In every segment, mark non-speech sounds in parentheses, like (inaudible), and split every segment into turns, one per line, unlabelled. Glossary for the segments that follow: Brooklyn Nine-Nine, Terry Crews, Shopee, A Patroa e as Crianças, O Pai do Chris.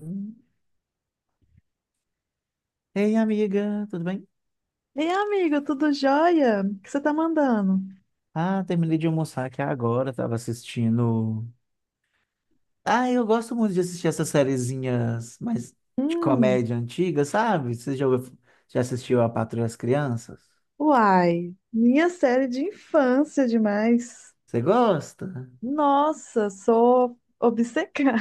Hum. Ei, amiga, tudo bem?
Ei, amigo, tudo jóia? O que você tá mandando?
Ah, terminei de almoçar aqui agora, tava assistindo. Ah, eu gosto muito de assistir essas sériezinhas mais de
Hum,
comédia antiga, sabe? Você já assistiu A Patroa e as Crianças?
uai, minha série de infância demais.
Você gosta?
Nossa, sou obcecada.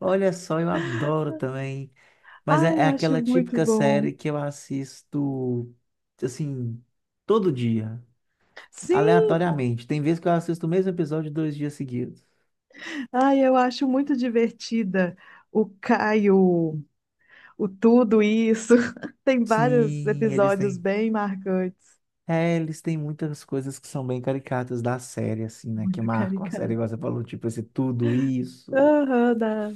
Olha só, eu adoro também.
(laughs)
Mas é,
Ai,
é
eu acho
aquela
muito
típica
bom.
série que eu assisto, assim, todo dia,
Sim,
aleatoriamente. Tem vezes que eu assisto o mesmo episódio 2 dias seguidos.
ai, eu acho muito divertida. O Caio, o tudo isso. (laughs) Tem vários
Sim, eles
episódios
têm.
bem marcantes.
É, eles têm muitas coisas que são bem caricatas da série, assim, né? Que
Muito
marcam a série,
caricato.
igual você falou, tipo, esse tudo isso.
Aham,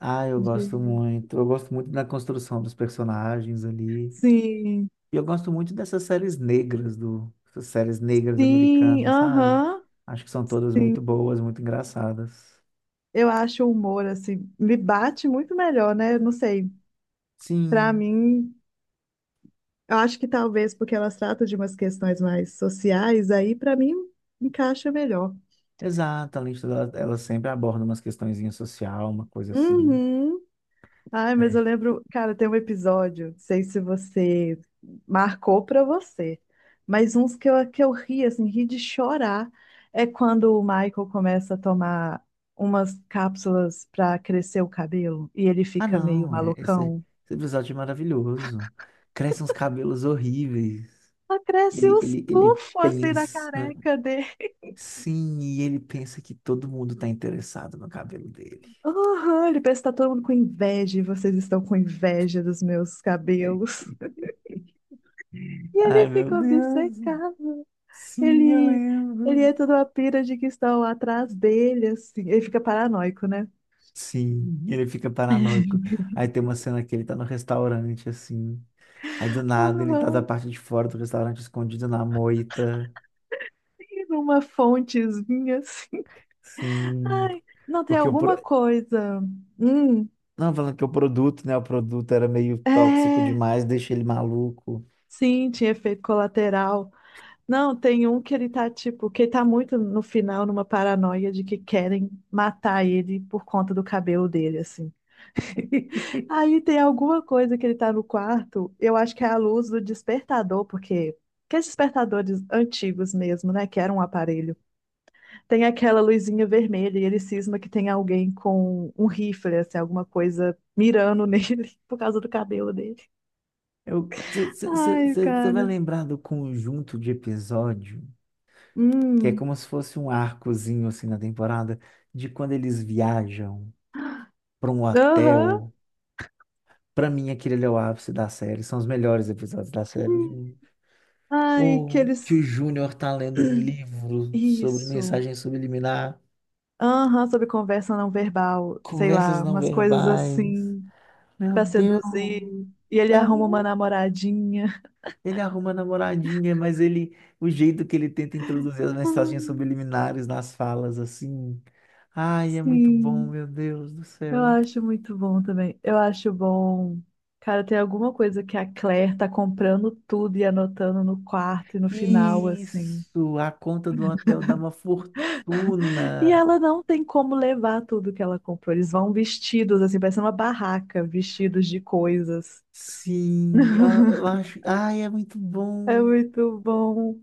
Ah, eu gosto
de-
muito. Eu gosto muito da construção dos personagens ali.
Sim,
E eu gosto muito dessas séries negras Essas séries negras
sim,
americanas, sabe?
aham.
Acho que são todas muito boas, muito engraçadas.
Eu acho o humor, assim, me bate muito melhor, né? Eu não sei. Pra
Sim,
mim, eu acho que talvez porque elas tratam de umas questões mais sociais, aí pra mim encaixa melhor.
exato. A lista dela, ela sempre aborda umas questõezinhas social, uma coisa assim.
Uhum. Ai, mas eu lembro, cara, tem um episódio, não sei se você marcou pra você, mas uns que eu ri, assim, ri de chorar, é quando o Michael começa a tomar umas cápsulas pra crescer o cabelo e ele
Ah,
fica meio
não, é- esse,
malucão.
esse episódio é maravilhoso. Crescem uns cabelos horríveis.
Só cresce
Ele,
os
ele, ele
pufos assim da
pensa.
careca dele.
Sim, e ele pensa que todo mundo tá interessado no cabelo dele.
Aham, ele pensa que tá todo mundo com inveja e vocês estão com inveja dos meus cabelos. (laughs) E
Ai,
ele
meu
fica
Deus.
obcecado.
Sim, eu
Ele, ele
lembro.
entra numa pira de que estão atrás dele, assim. Ele fica paranoico, né?
Sim, ele fica paranoico. Aí tem uma cena que ele tá no restaurante, assim. Aí do nada ele tá da
Aham,
parte de fora do restaurante escondido na moita.
e numa fontezinha assim.
Sim.
Ai, não, tem
porque o, pro-
alguma coisa. Hum,
Não, falando que o produto, né? O produto era meio tóxico
é.
demais, deixa ele maluco.
Sim, tinha efeito colateral. Não, tem um que ele tá tipo, que ele tá muito no final numa paranoia de que querem matar ele por conta do cabelo dele, assim. Aí tem alguma coisa que ele tá no quarto, eu acho que é a luz do despertador, porque aqueles despertadores antigos mesmo, né, que era um aparelho. Tem aquela luzinha vermelha e ele cisma que tem alguém com um rifle, assim, alguma coisa mirando nele (laughs) por causa do cabelo dele. Ai,
Você vai
cara.
lembrar do conjunto de episódio, que é
Hum.
como se fosse um arcozinho assim na temporada, de quando eles viajam para um
Aham.
hotel. Pra mim, aquele ali é o ápice da série, são os melhores episódios da série.
Hum.
Gente.
Ai, que
Ou que o
eles
Júnior tá lendo um livro sobre
isso.
mensagem subliminar,
Aham, sobre conversa não verbal, sei
conversas
lá,
não
umas coisas
verbais.
assim
Meu
pra
Deus.
seduzir. E ele arruma uma
É.
namoradinha.
Ele arruma namoradinha, mas ele, o jeito que ele tenta introduzir as
Ai,
mensagens subliminares nas falas, assim. Ai, é muito bom,
sim,
meu Deus do
eu
céu.
acho muito bom também. Eu acho bom. Cara, tem alguma coisa que a Claire tá comprando tudo e anotando no quarto e no final, assim.
Isso, a conta do hotel dá uma
E
fortuna.
ela não tem como levar tudo que ela comprou. Eles vão vestidos, assim, parecendo uma barraca, vestidos de coisas.
Sim, eu acho. Ai, é muito
É
bom.
muito bom.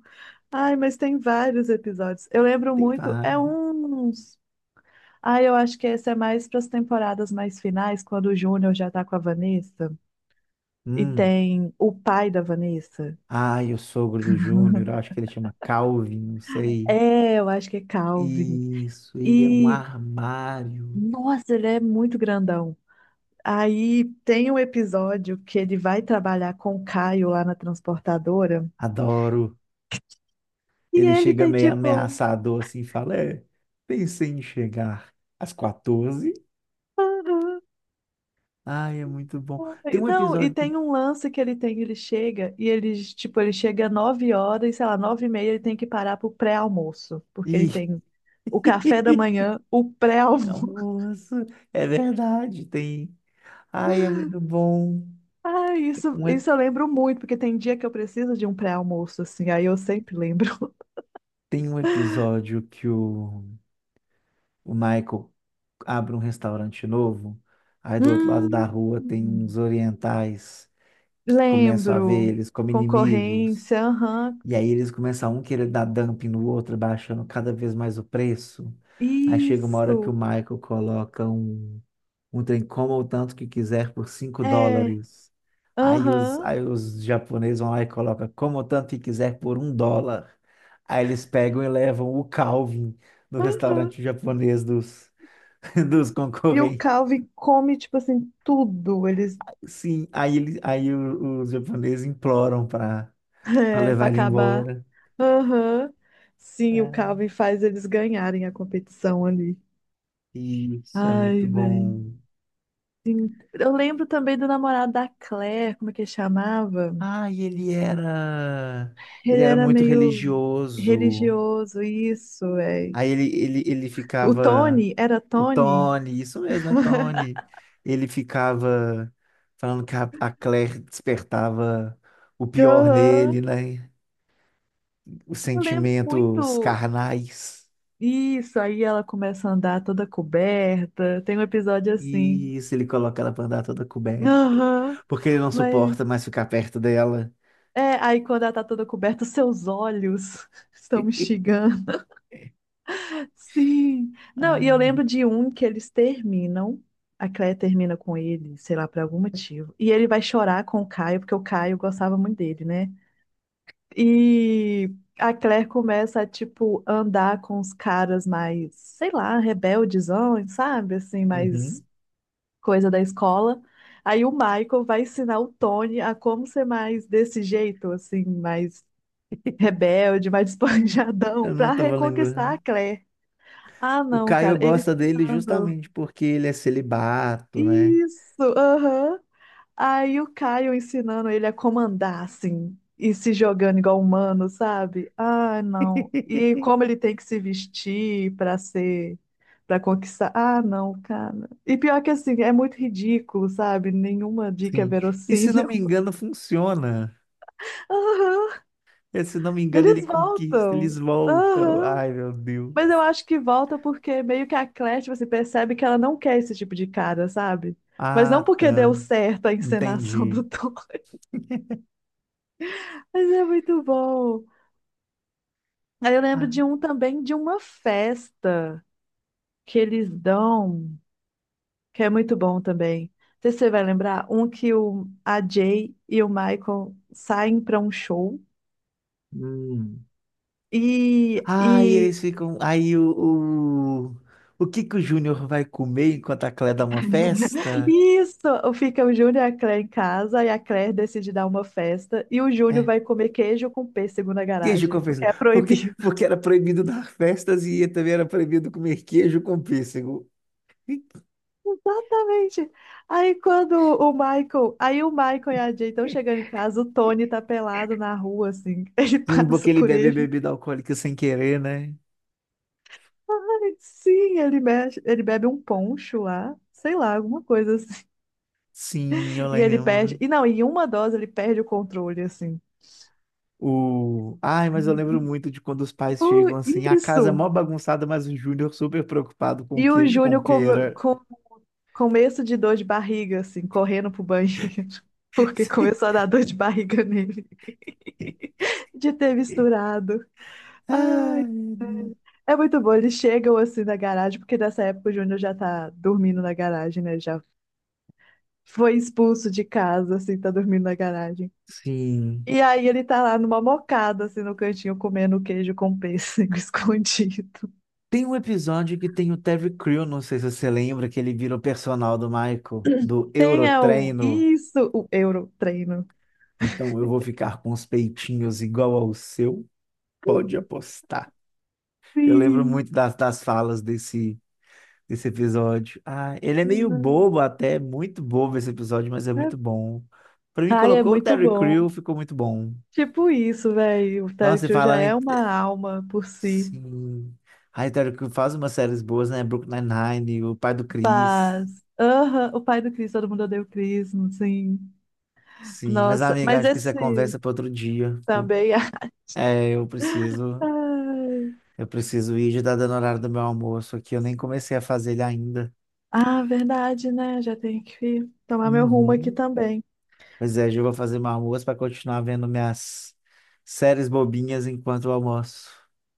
Ai, mas tem vários episódios. Eu lembro
Tem
muito, é
vários.
uns. Ai, eu acho que esse é mais para as temporadas mais finais, quando o Júnior já tá com a Vanessa e
Hum.
tem o pai da Vanessa.
Ai, o sogro do Júnior, eu acho que ele chama Calvin, não sei.
É, eu acho que é Calvin.
Isso, ele é um
E,
armário.
nossa, ele é muito grandão. Aí tem um episódio que ele vai trabalhar com o Caio lá na transportadora
Adoro.
e
Ele
ele
chega
tem
meio
tipo
ameaçador assim e fala: É, pensei em chegar às 14h.
(laughs)
Ai, é muito bom. Tem um
Não, e
episódio.
tem um lance que ele tem, ele chega e ele, tipo, ele chega 9 horas, sei lá, 9h30, ele tem que parar pro pré-almoço, porque ele
Ih,
tem o café da
(laughs)
manhã, o pré-almoço. (laughs)
almoço, é verdade, tem. Ai, é muito bom.
Ah,
Tem
isso,
um, ep-
isso eu lembro muito, porque tem dia que eu preciso de um pré-almoço, assim, aí eu sempre lembro. (laughs)
tem um episódio que o Michael abre um restaurante novo. Aí do outro lado da
Hum,
rua tem uns orientais que começam a ver
lembro.
eles como inimigos.
Concorrência, aham.
E aí eles começam um querer dar dumping no outro, baixando cada vez mais o preço. Aí chega uma hora que
Isso,
o Michael coloca um trem coma o tanto que quiser por cinco
é,
dólares. Aí os,
aham.
aí os japoneses vão lá e colocam como o tanto que quiser por US$ 1. Aí eles pegam e levam o Calvin no
Aham.
restaurante japonês (laughs) dos
E o
concorrentes.
Calvin come, tipo assim, tudo. Ele
Sim, aí, ele, aí o- os japoneses imploram para
é, para
levar ele
acabar.
embora.
Aham. Sim, o
É.
Calvin faz eles ganharem a competição ali.
Isso é
Ai,
muito
velho.
bom.
Eu lembro também do namorado da Claire, como é que ele chamava?
Ah, e ele era. Ele
Ele
era
era
muito
meio
religioso.
religioso, isso, velho.
Aí ele
O
ficava.
Tony, era
O
Tony?
Tony, isso mesmo, é Tony. Ele ficava falando que a Claire despertava o pior
Aham.
nele, né? Os
Eu lembro
sentimentos
muito.
carnais.
Isso, aí ela começa a andar toda coberta. Tem um episódio assim.
E isso ele coloca ela pra andar toda coberta.
Aham.
Porque ele não
Mas
suporta mais ficar perto dela.
é, aí quando ela tá toda coberta, (laughs) os seus olhos (laughs) estão me
(laughs)
xingando. Sim. Não, e eu
Ai,
lembro de um que eles terminam. A Cleia termina com ele, sei lá, por algum motivo. E ele vai chorar com o Caio, porque o Caio gostava muito dele, né? E a Claire começa a, tipo, andar com os caras mais, sei lá, rebeldezão, sabe? Assim, mais
uhum.
coisa da escola. Aí o Michael vai ensinar o Tony a como ser mais desse jeito, assim, mais rebelde, mais (laughs)
Ah,
esponjadão,
eu
pra
não tava
reconquistar a
lembrando.
Claire. Ah,
O
não,
Caio
cara, ele
gosta dele
ensinando.
justamente porque ele é celibato, né?
Isso, aham. Aí o Caio ensinando ele a comandar, assim, e se jogando igual humano, sabe? Ah, não. E como
(laughs)
ele tem que se vestir pra ser, pra conquistar. Ah, não, cara. E pior que assim, é muito ridículo, sabe? Nenhuma dica é
Sim. E se não
verossímil.
me engano, funciona.
(laughs) Aham.
E, se não me engano, ele
Eles
conquista,
voltam.
eles voltam.
Aham.
Ai, meu Deus.
Mas eu acho que volta porque meio que a Claire, você percebe que ela não quer esse tipo de cara, sabe? Mas não
Ah,
porque deu
tá.
certo a encenação do
Entendi.
Thor. (laughs) Mas é muito bom. Aí eu lembro
Ah,
de um também, de uma festa que eles dão, que é muito bom também. Não sei se você vai lembrar, um que o, a Jay e o Michael saem para um show.
hum.
E,
Ah, e eles
e
ficam. Aí o que que o Júnior vai comer enquanto a Cléia dá uma festa?
Isso! Fica o Júnior e a Claire em casa, e a Claire decide dar uma festa, e o Júnior
É.
vai comer queijo com pêssego na
Queijo
garagem,
com
porque
pêssego.
é
Porque,
proibido.
porque era proibido dar festas e também era proibido comer queijo com pêssego.
(laughs) Exatamente! Aí quando o Michael, aí o Michael e a Jay estão chegando em casa, o Tony tá pelado na rua, assim, ele (laughs)
Sim, porque
passa
ele
por
bebe
ele.
bebida alcoólica sem querer, né?
Ai, sim, ele mexe, ele bebe um poncho lá, sei lá, alguma coisa assim.
Sim, eu
(laughs) E ele perde,
lembro.
e não, em uma dose ele perde o controle, assim.
Ai, mas eu lembro muito de quando os pais
Oh,
chegam assim, a casa é
isso!
mó bagunçada, mas o Júnior super preocupado com
E o
queijo com
Júnior come-
pera.
Começo de dor de barriga, assim, correndo pro banheiro, (laughs) porque começou a
(laughs)
dar dor de barriga nele,
Sim.
(laughs) de ter misturado.
Ai, meu Deus.
É muito bom, eles chegam assim na garagem, porque nessa época o Júnior já tá dormindo na garagem, né? Ele já foi expulso de casa, assim, tá dormindo na garagem.
Sim.
E aí ele tá lá numa mocada, assim, no cantinho, comendo queijo com pêssego (laughs) escondido.
Tem um episódio que tem o Terry Crew, não sei se você lembra, que ele vira o personal do Michael, do
Tem é, o...
Eurotreino.
Isso, o Euro treino.
Então eu vou ficar com os peitinhos igual ao seu, pode apostar. Eu lembro
Sim.
muito das falas desse esse episódio. Ah, ele é meio bobo até, é muito bobo esse episódio, mas é muito bom. Pra mim,
Ai, é
colocou o
muito
Terry
bom.
Crew, ficou muito bom.
Tipo isso, velho. O Terry
Nossa, e
Crews já
falando
é
em...
uma alma por si.
Sim. Ai, o Terry Crew faz umas séries boas, né? Brooklyn Nine-Nine, O Pai do Chris.
Mas, aham, o pai do Chris, todo mundo odeia o Chris, sim.
Sim, mas
Nossa,
amiga,
mas
acho que isso é
esse
conversa para outro dia. Eu,
também. (laughs)
é, eu preciso...
Ai.
Eu preciso ir, já tá dando horário do meu almoço aqui, eu nem comecei a fazer ele ainda.
Ah, verdade, né? Já tenho que tomar meu rumo aqui
Uhum.
também.
Pois é, Ju, vou fazer meu almoço para continuar vendo minhas séries bobinhas enquanto eu almoço.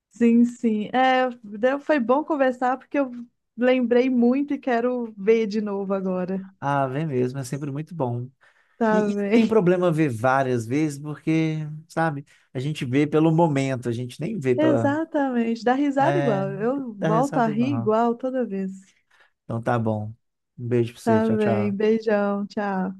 Sim, sim. É, deu- foi bom conversar porque eu lembrei muito e quero ver de novo agora.
Ah, vem mesmo, é sempre muito bom.
Tá
E não tem
bem.
problema ver várias vezes, porque, sabe, a gente vê pelo momento, a gente nem vê
(laughs)
pela.
Exatamente. Dá risada
É,
igual. Eu
dá
volto a
risada
rir
igual.
igual toda vez.
Então tá bom. Um beijo pra você,
Tá
tchau,
bem.
tchau.
Beijão. Tchau.